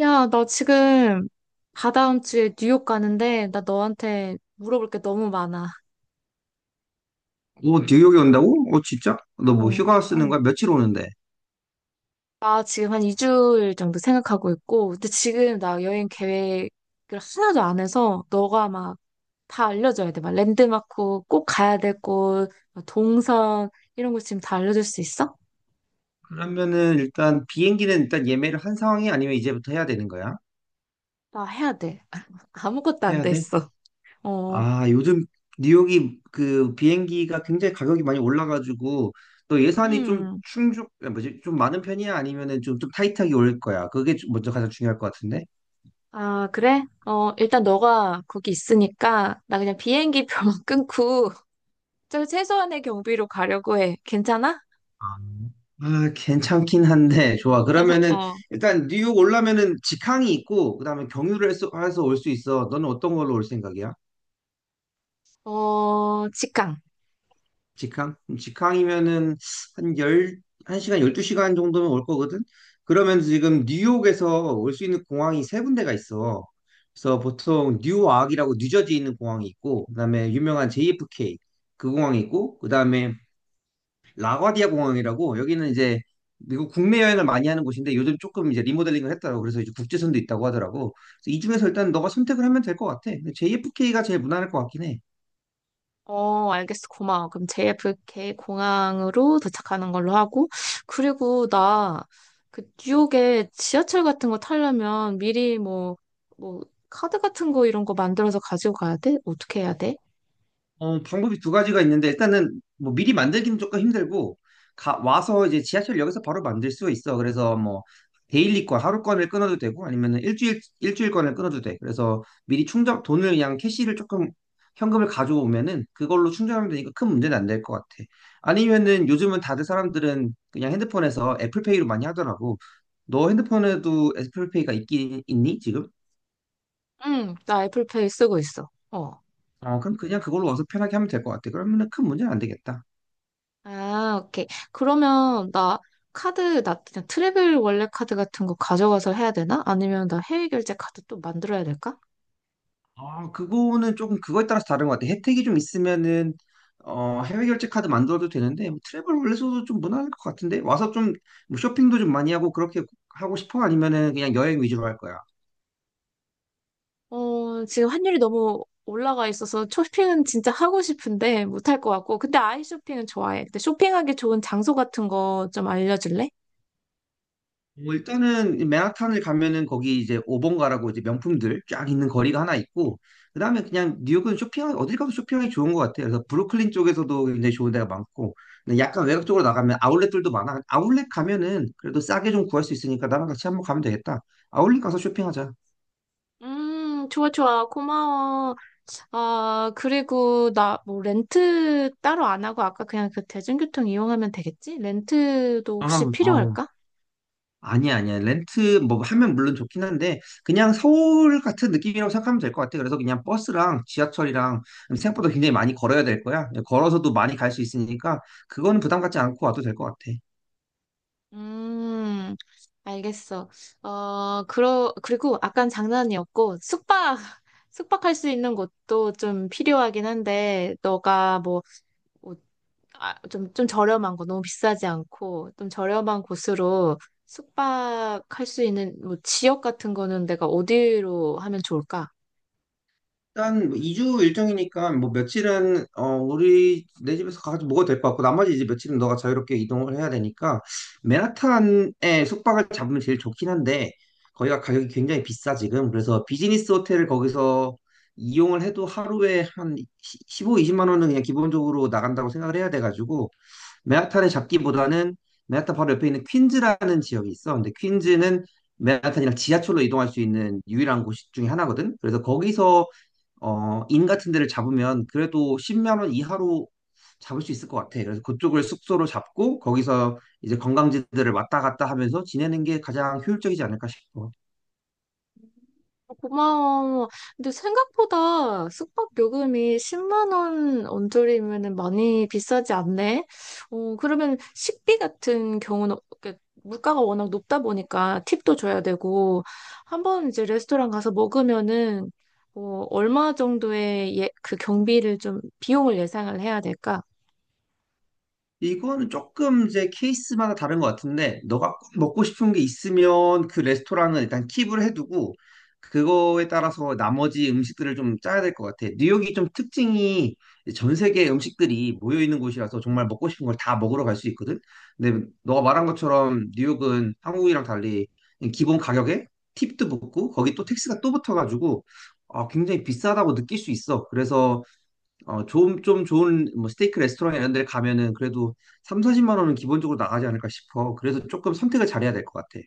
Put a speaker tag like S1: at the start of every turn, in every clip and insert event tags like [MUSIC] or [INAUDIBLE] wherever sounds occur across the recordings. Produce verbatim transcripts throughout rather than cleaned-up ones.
S1: 야, 나 지금 다다음 주에 뉴욕 가는데 나 너한테 물어볼 게 너무 많아.
S2: 오, 뉴욕에 온다고? 오, 진짜? 너 뭐
S1: 어,
S2: 휴가 쓰는
S1: 응.
S2: 거야? 며칠 오는데?
S1: 나 지금 한 이 주일 정도 생각하고 있고, 근데 지금 나 여행 계획을 하나도 안 해서 너가 막 다 알려줘야 돼. 막 랜드마크 꼭 가야 될 곳, 막 동선 이런 거 지금 다 알려줄 수 있어?
S2: 그러면은 일단 비행기는 일단 예매를 한 상황이 아니면 이제부터 해야 되는 거야?
S1: 나 해야 돼. [LAUGHS] 아무것도 안
S2: 해야
S1: 돼
S2: 돼?
S1: 있어. 어,
S2: 아, 요즘 뉴욕이 그 비행기가 굉장히 가격이 많이 올라가지고 너 예산이 좀
S1: 음.
S2: 충족, 아, 뭐지? 좀 많은 편이야? 아니면은 좀, 좀 타이트하게 올 거야? 그게 좀 먼저 가장 중요할 것 같은데?
S1: 아, 그래? 어, 일단 너가 거기 있으니까 나 그냥 비행기표만 [LAUGHS] 끊고 저 최소한의 경비로 가려고 해. 괜찮아?
S2: 아, 괜찮긴 한데, 좋아.
S1: [LAUGHS]
S2: 그러면은
S1: 어,
S2: 일단 뉴욕 올라면은 직항이 있고, 그 다음에 경유를 해서 올 수 있어. 너는 어떤 걸로 올 생각이야?
S1: 어, 직항.
S2: 직항? 그럼 직항이면은 한 열, 한시간 열두 시간 정도면 올 거거든? 그러면 지금 뉴욕에서 올 수 있는 공항이 세 군데가 있어. 그래서 보통 뉴아크이라고 뉴저지에 있는 공항이 있고, 그다음에 유명한 제이에프케이 그 공항이 있고, 그다음에 라과디아 공항이라고 여기는 이제 미국 국내 여행을 많이 하는 곳인데 요즘 조금 이제 리모델링을 했더라고. 그래서 이제 국제선도 있다고 하더라고. 그래서 이 중에서 일단 너가 선택을 하면 될 것 같아. 제이에프케이가 제일 무난할 것 같긴 해.
S1: 어, 알겠어. 고마워. 그럼 제이에프케이 공항으로 도착하는 걸로 하고. 그리고 나, 그, 뉴욕에 지하철 같은 거 타려면 미리 뭐, 뭐, 카드 같은 거 이런 거 만들어서 가지고 가야 돼? 어떻게 해야 돼?
S2: 어, 방법이 두 가지가 있는데 일단은 뭐 미리 만들기는 조금 힘들고 가, 와서 이제 지하철역에서 바로 만들 수 있어. 그래서 뭐 데일리권 하루권을 끊어도 되고 아니면은 일주일 일주일권을 끊어도 돼. 그래서 미리 충전 돈을 그냥 캐시를 조금 현금을 가져오면은 그걸로 충전하면 되니까 큰 문제는 안 될 것 같아. 아니면은 요즘은 다들 사람들은 그냥 핸드폰에서 애플페이로 많이 하더라고. 너 핸드폰에도 애플페이가 있긴 있니 지금?
S1: 응, 나 애플페이 쓰고 있어. 어.
S2: 어, 그럼 그냥 그걸로 와서 편하게 하면 될 것 같아. 그러면은 큰 문제는 안 되겠다.
S1: 아, 오케이. 그러면 나 카드, 나 그냥 트래블 원래 카드 같은 거 가져가서 해야 되나? 아니면 나 해외 결제 카드 또 만들어야 될까?
S2: 아, 그거는 조금 그거에 따라서 다른 것 같아. 혜택이 좀 있으면은 어, 해외 결제 카드 만들어도 되는데 뭐 트래블 월렛으로도 좀 무난할 것 같은데 와서 좀뭐 쇼핑도 좀 많이 하고 그렇게 하고 싶어? 아니면은 그냥 여행 위주로 할 거야?
S1: 어, 지금 환율이 너무 올라가 있어서 쇼핑은 진짜 하고 싶은데 못할 것 같고. 근데 아이 쇼핑은 좋아해. 근데 쇼핑하기 좋은 장소 같은 거 좀 알려줄래?
S2: 뭐 일단은 맨하탄을 가면은 거기 이제 오번가라고 이제 명품들 쫙 있는 거리가 하나 있고 그다음에 그냥 뉴욕은 쇼핑하기 어딜 가도 쇼핑하기 좋은 것 같아요. 그래서 브루클린 쪽에서도 굉장히 좋은 데가 많고 근데 약간 외곽 쪽으로 나가면 아울렛들도 많아. 아울렛 가면은 그래도 싸게 좀 구할 수 있으니까 나랑 같이 한번 가면 되겠다. 아울렛 가서 쇼핑하자.
S1: 음, 좋아, 좋아. 고마워. 아, 그리고 나 뭐 렌트 따로 안 하고 아까 그냥 그 대중교통 이용하면 되겠지? 렌트도
S2: 아,
S1: 혹시
S2: 어.
S1: 필요할까?
S2: 아니야, 아니야. 렌트 뭐 하면 물론 좋긴 한데 그냥 서울 같은 느낌이라고 생각하면 될 것 같아. 그래서 그냥 버스랑 지하철이랑 생각보다 굉장히 많이 걸어야 될 거야. 걸어서도 많이 갈 수 있으니까 그거는 부담 갖지 않고 와도 될 것 같아.
S1: 음, 알겠어. 어, 그러, 그리고 아깐 장난이었고, 숙박, [LAUGHS] 숙박할 수 있는 곳도 좀 필요하긴 한데, 너가 뭐, 뭐, 아, 좀, 좀 저렴한 거, 너무 비싸지 않고, 좀 저렴한 곳으로 숙박할 수 있는 뭐 지역 같은 거는 내가 어디로 하면 좋을까?
S2: 일단 뭐 이 주 일정이니까 뭐 며칠은 어 우리 내 집에서 가지고 먹어도 될 것 같고 나머지 이제 며칠은 너가 자유롭게 이동을 해야 되니까 맨하탄에 숙박을 잡으면 제일 좋긴 한데 거기가 가격이 굉장히 비싸 지금 그래서 비즈니스 호텔을 거기서 이용을 해도 하루에 한 십오, 이십만 원은 그냥 기본적으로 나간다고 생각을 해야 돼가지고 맨하탄에 잡기보다는 맨하탄 바로 옆에 있는 퀸즈라는 지역이 있어 근데 퀸즈는 맨하탄이랑 지하철로 이동할 수 있는 유일한 곳 중에 하나거든 그래서 거기서 어, 인 같은 데를 잡으면 그래도 십만 원 이하로 잡을 수 있을 것 같아. 그래서 그쪽을 숙소로 잡고 거기서 이제 관광지들을 왔다 갔다 하면서 지내는 게 가장 효율적이지 않을까 싶어.
S1: 고마워. 근데 생각보다 숙박 요금이 십만 원 언저리면 많이 비싸지 않네. 어, 그러면 식비 같은 경우는 이렇게 물가가 워낙 높다 보니까 팁도 줘야 되고 한번 이제 레스토랑 가서 먹으면은 어, 얼마 정도의 예, 그 경비를 좀 비용을 예상을 해야 될까?
S2: 이거는 조금 이제 케이스마다 다른 것 같은데, 너가 꼭 먹고 싶은 게 있으면 그 레스토랑은 일단 킵을 해두고, 그거에 따라서 나머지 음식들을 좀 짜야 될 것 같아. 뉴욕이 좀 특징이 전 세계 음식들이 모여 있는 곳이라서 정말 먹고 싶은 걸 다 먹으러 갈 수 있거든. 근데 너가 말한 것처럼 뉴욕은 한국이랑 달리 기본 가격에 팁도 붙고 거기 또 택스가 또 붙어가지고 아, 굉장히 비싸다고 느낄 수 있어. 그래서 어, 좀, 좀 좋은 뭐 스테이크 레스토랑 이런 데 가면은 그래도 삼, 사십만 원은 기본적으로 나가지 않을까 싶어. 그래서 조금 선택을 잘해야 될 것 같아.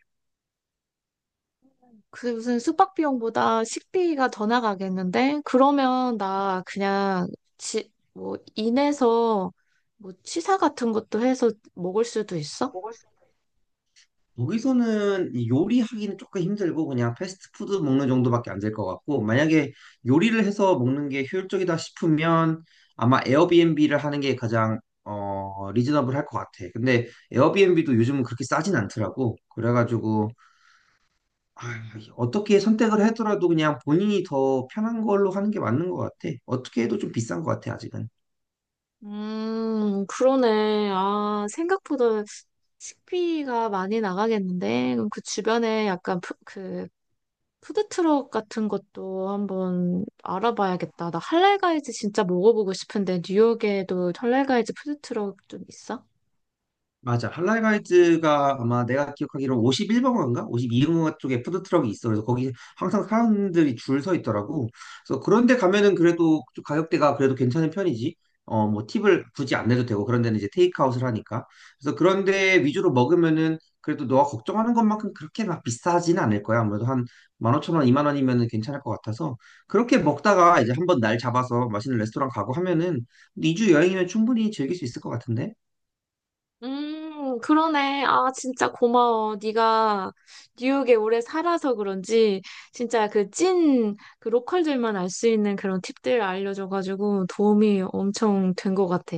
S1: 그게 무슨 숙박 비용보다 식비가 더 나가겠는데? 그러면 나 그냥 지, 뭐 인해서 뭐 취사 같은 것도 해서 먹을 수도 있어?
S2: 여기서는 이 요리하기는 조금 힘들고 그냥 패스트푸드 먹는 정도밖에 안 될 것 같고 만약에 요리를 해서 먹는 게 효율적이다 싶으면 아마 에어비앤비를 하는 게 가장 어, 리즈너블할 것 같아. 근데 에어비앤비도 요즘은 그렇게 싸진 않더라고. 그래가지고 아, 어떻게 선택을 하더라도 그냥 본인이 더 편한 걸로 하는 게 맞는 것 같아. 어떻게 해도 좀 비싼 것 같아, 아직은.
S1: 음, 그러네. 아, 생각보다 식비가 많이 나가겠는데? 그럼 그 주변에 약간 푸, 그 푸드트럭 같은 것도 한번 알아봐야겠다. 나 할랄가이즈 진짜 먹어보고 싶은데 뉴욕에도 할랄가이즈 푸드트럭 좀 있어?
S2: 맞아. 할랄가이즈가 아마 내가 기억하기로 오십일 번가인가? 오십이 번가 쪽에 푸드트럭이 있어. 그래서 거기 항상 사람들이 줄 서 있더라고. 그래서 그런데 가면은 그래도 좀 가격대가 그래도 괜찮은 편이지. 어, 뭐 팁을 굳이 안 내도 되고 그런 데는 이제 테이크아웃을 하니까. 그래서 그런 데 위주로 먹으면은 그래도 너가 걱정하는 것만큼 그렇게 막 비싸지는 않을 거야. 아무래도 한 만 오천 원, 이만 원이면은 괜찮을 것 같아서 그렇게 먹다가 이제 한번 날 잡아서 맛있는 레스토랑 가고 하면은 이 주 여행이면 충분히 즐길 수 있을 것 같은데.
S1: 음, 그러네. 아, 진짜 고마워. 네가 뉴욕에 오래 살아서 그런지 진짜 그 찐 그 로컬들만 알 수 있는 그런 팁들 알려줘가지고 도움이 엄청 된 것 같아.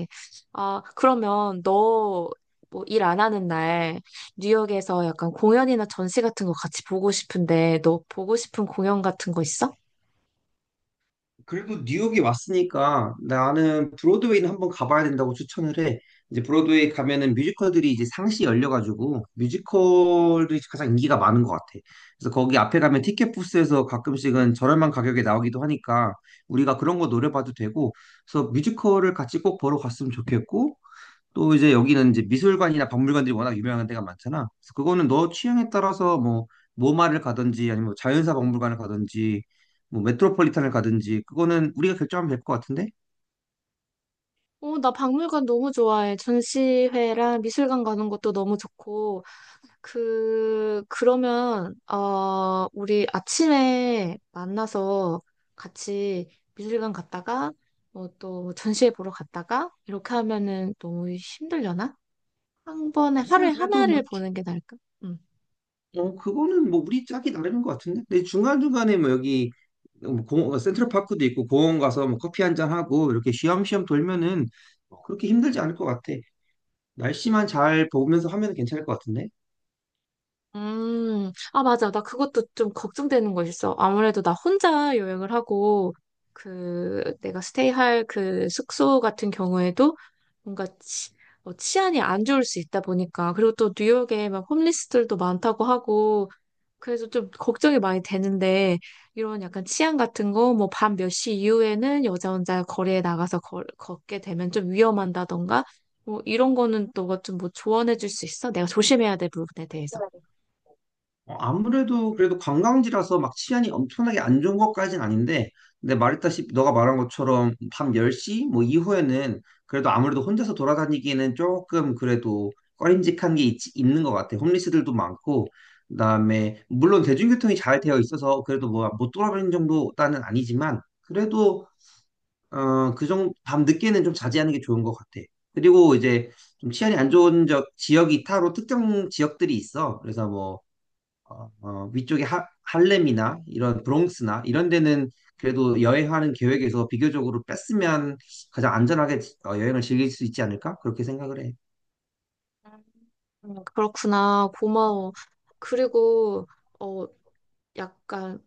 S1: 아, 그러면 너 뭐 일 안 하는 날 뉴욕에서 약간 공연이나 전시 같은 거 같이 보고 싶은데 너 보고 싶은 공연 같은 거 있어?
S2: 그래도 뉴욕이 왔으니까 나는 브로드웨이는 한번 가봐야 된다고 추천을 해. 이제 브로드웨이 가면은 뮤지컬들이 이제 상시 열려가지고 뮤지컬들이 가장 인기가 많은 것 같아. 그래서 거기 앞에 가면 티켓 부스에서 가끔씩은 저렴한 가격에 나오기도 하니까 우리가 그런 거 노려봐도 되고, 그래서 뮤지컬을 같이 꼭 보러 갔으면 좋겠고, 또 이제 여기는 이제 미술관이나 박물관들이 워낙 유명한 데가 많잖아. 그래서 그거는 너 취향에 따라서 뭐 모마를 가든지 아니면 자연사 박물관을 가든지 뭐 메트로폴리탄을 가든지 그거는 우리가 결정하면 될 것 같은데?
S1: 어, 나 박물관 너무 좋아해. 전시회랑 미술관 가는 것도 너무 좋고, 그, 그러면, 어, 우리 아침에 만나서 같이 미술관 갔다가, 뭐 또 전시회 보러 갔다가, 이렇게 하면은 너무 힘들려나? 한 번에 하루에
S2: 아니야 그래도 뭐
S1: 하나를
S2: 주-
S1: 보는 게 나을까? 응.
S2: 어, 그거는 뭐 우리 짝이 나름인 것 같은데? 근데 중간중간에 뭐 여기 어, 뭐 공, 센트럴파크도 있고 공원 가서 뭐 커피 한 잔 하고 이렇게 쉬엄쉬엄 돌면은 뭐 그렇게 힘들지 않을 것 같아. 날씨만 잘 보면서 하면 괜찮을 것 같은데?
S1: 음, 아, 맞아. 나 그것도 좀 걱정되는 거 있어. 아무래도 나 혼자 여행을 하고, 그, 내가 스테이할 그 숙소 같은 경우에도 뭔가 치, 어, 치안이 안 좋을 수 있다 보니까. 그리고 또 뉴욕에 막 홈리스들도 많다고 하고, 그래서 좀 걱정이 많이 되는데, 이런 약간 치안 같은 거, 뭐 밤 몇 시 이후에는 여자 혼자 거리에 나가서 걸, 걷게 되면 좀 위험한다던가, 뭐 이런 거는 너가 좀 뭐 조언해 줄 수 있어? 내가 조심해야 될 부분에 대해서.
S2: 어, 아무래도 그래도 관광지라서 막 치안이 엄청나게 안 좋은 것까진 아닌데, 근데 말했다시피 너가 말한 것처럼 밤 열 시 뭐 이후에는 그래도 아무래도 혼자서 돌아다니기에는 조금 그래도 꺼림직한 게 있, 있는 것 같아. 홈리스들도 많고, 그다음에 물론 대중교통이 잘 되어 있어서 그래도 뭐 못 돌아다니는 정도는 아니지만 그래도 어, 그 정도 밤 늦게는 좀 자제하는 게 좋은 것 같아. 그리고 이제 좀 치안이 안 좋은 적, 지역이 따로 특정 지역들이 있어. 그래서 뭐 어, 어, 위쪽에 하, 할렘이나 이런 브롱스나 이런 데는 그래도 여행하는 계획에서 비교적으로 뺐으면 가장 안전하게 지- 어, 여행을 즐길 수 있지 않을까? 그렇게 생각을 해.
S1: 음, 그렇구나. 고마워. 그리고, 어, 약간,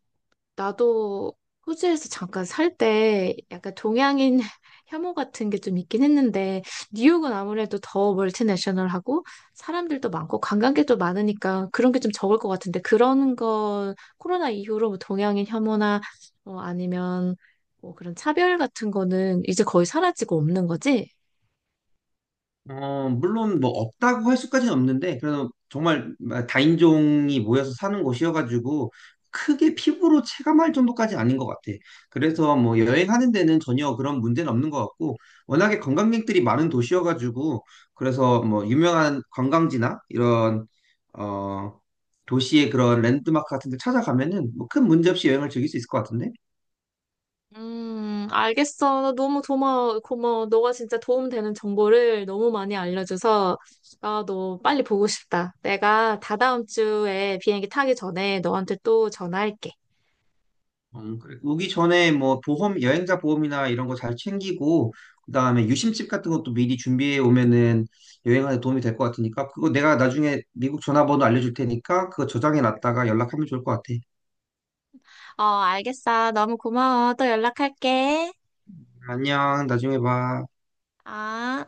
S1: 나도 호주에서 잠깐 살 때 약간 동양인 [LAUGHS] 혐오 같은 게 좀 있긴 했는데 뉴욕은 아무래도 더 멀티내셔널하고 사람들도 많고 관광객도 많으니까 그런 게 좀 적을 것 같은데 그런 건 코로나 이후로 뭐 동양인 혐오나 뭐 아니면 뭐 그런 차별 같은 거는 이제 거의 사라지고 없는 거지?
S2: 어, 물론 뭐 없다고 할 수까지는 없는데 그래서 정말 다인종이 모여서 사는 곳이어가지고 크게 피부로 체감할 정도까지 아닌 것 같아. 그래서 뭐 여행하는 데는 전혀 그런 문제는 없는 것 같고 워낙에 관광객들이 많은 도시여가지고 그래서 뭐 유명한 관광지나 이런 어 도시의 그런 랜드마크 같은 데 찾아가면은 뭐 큰 문제 없이 여행을 즐길 수 있을 것 같은데?
S1: 음, 알겠어. 나 너무 고마워. 고마워. 너가 진짜 도움되는 정보를 너무 많이 알려줘서 아 너 빨리 보고 싶다. 내가 다다음 주에 비행기 타기 전에 너한테 또 전화할게.
S2: 음, 그래. 오기 전에 뭐 보험, 여행자 보험이나 이런 거 잘 챙기고, 그다음에 유심칩 같은 것도 미리 준비해 오면은 여행하는 도움이 될 것 같으니까, 그거 내가 나중에 미국 전화번호 알려줄 테니까, 그거 저장해 놨다가 연락하면 좋을 것 같아.
S1: 어, 알겠어. 너무 고마워. 또 연락할게.
S2: 안녕, 나중에 봐.
S1: 아.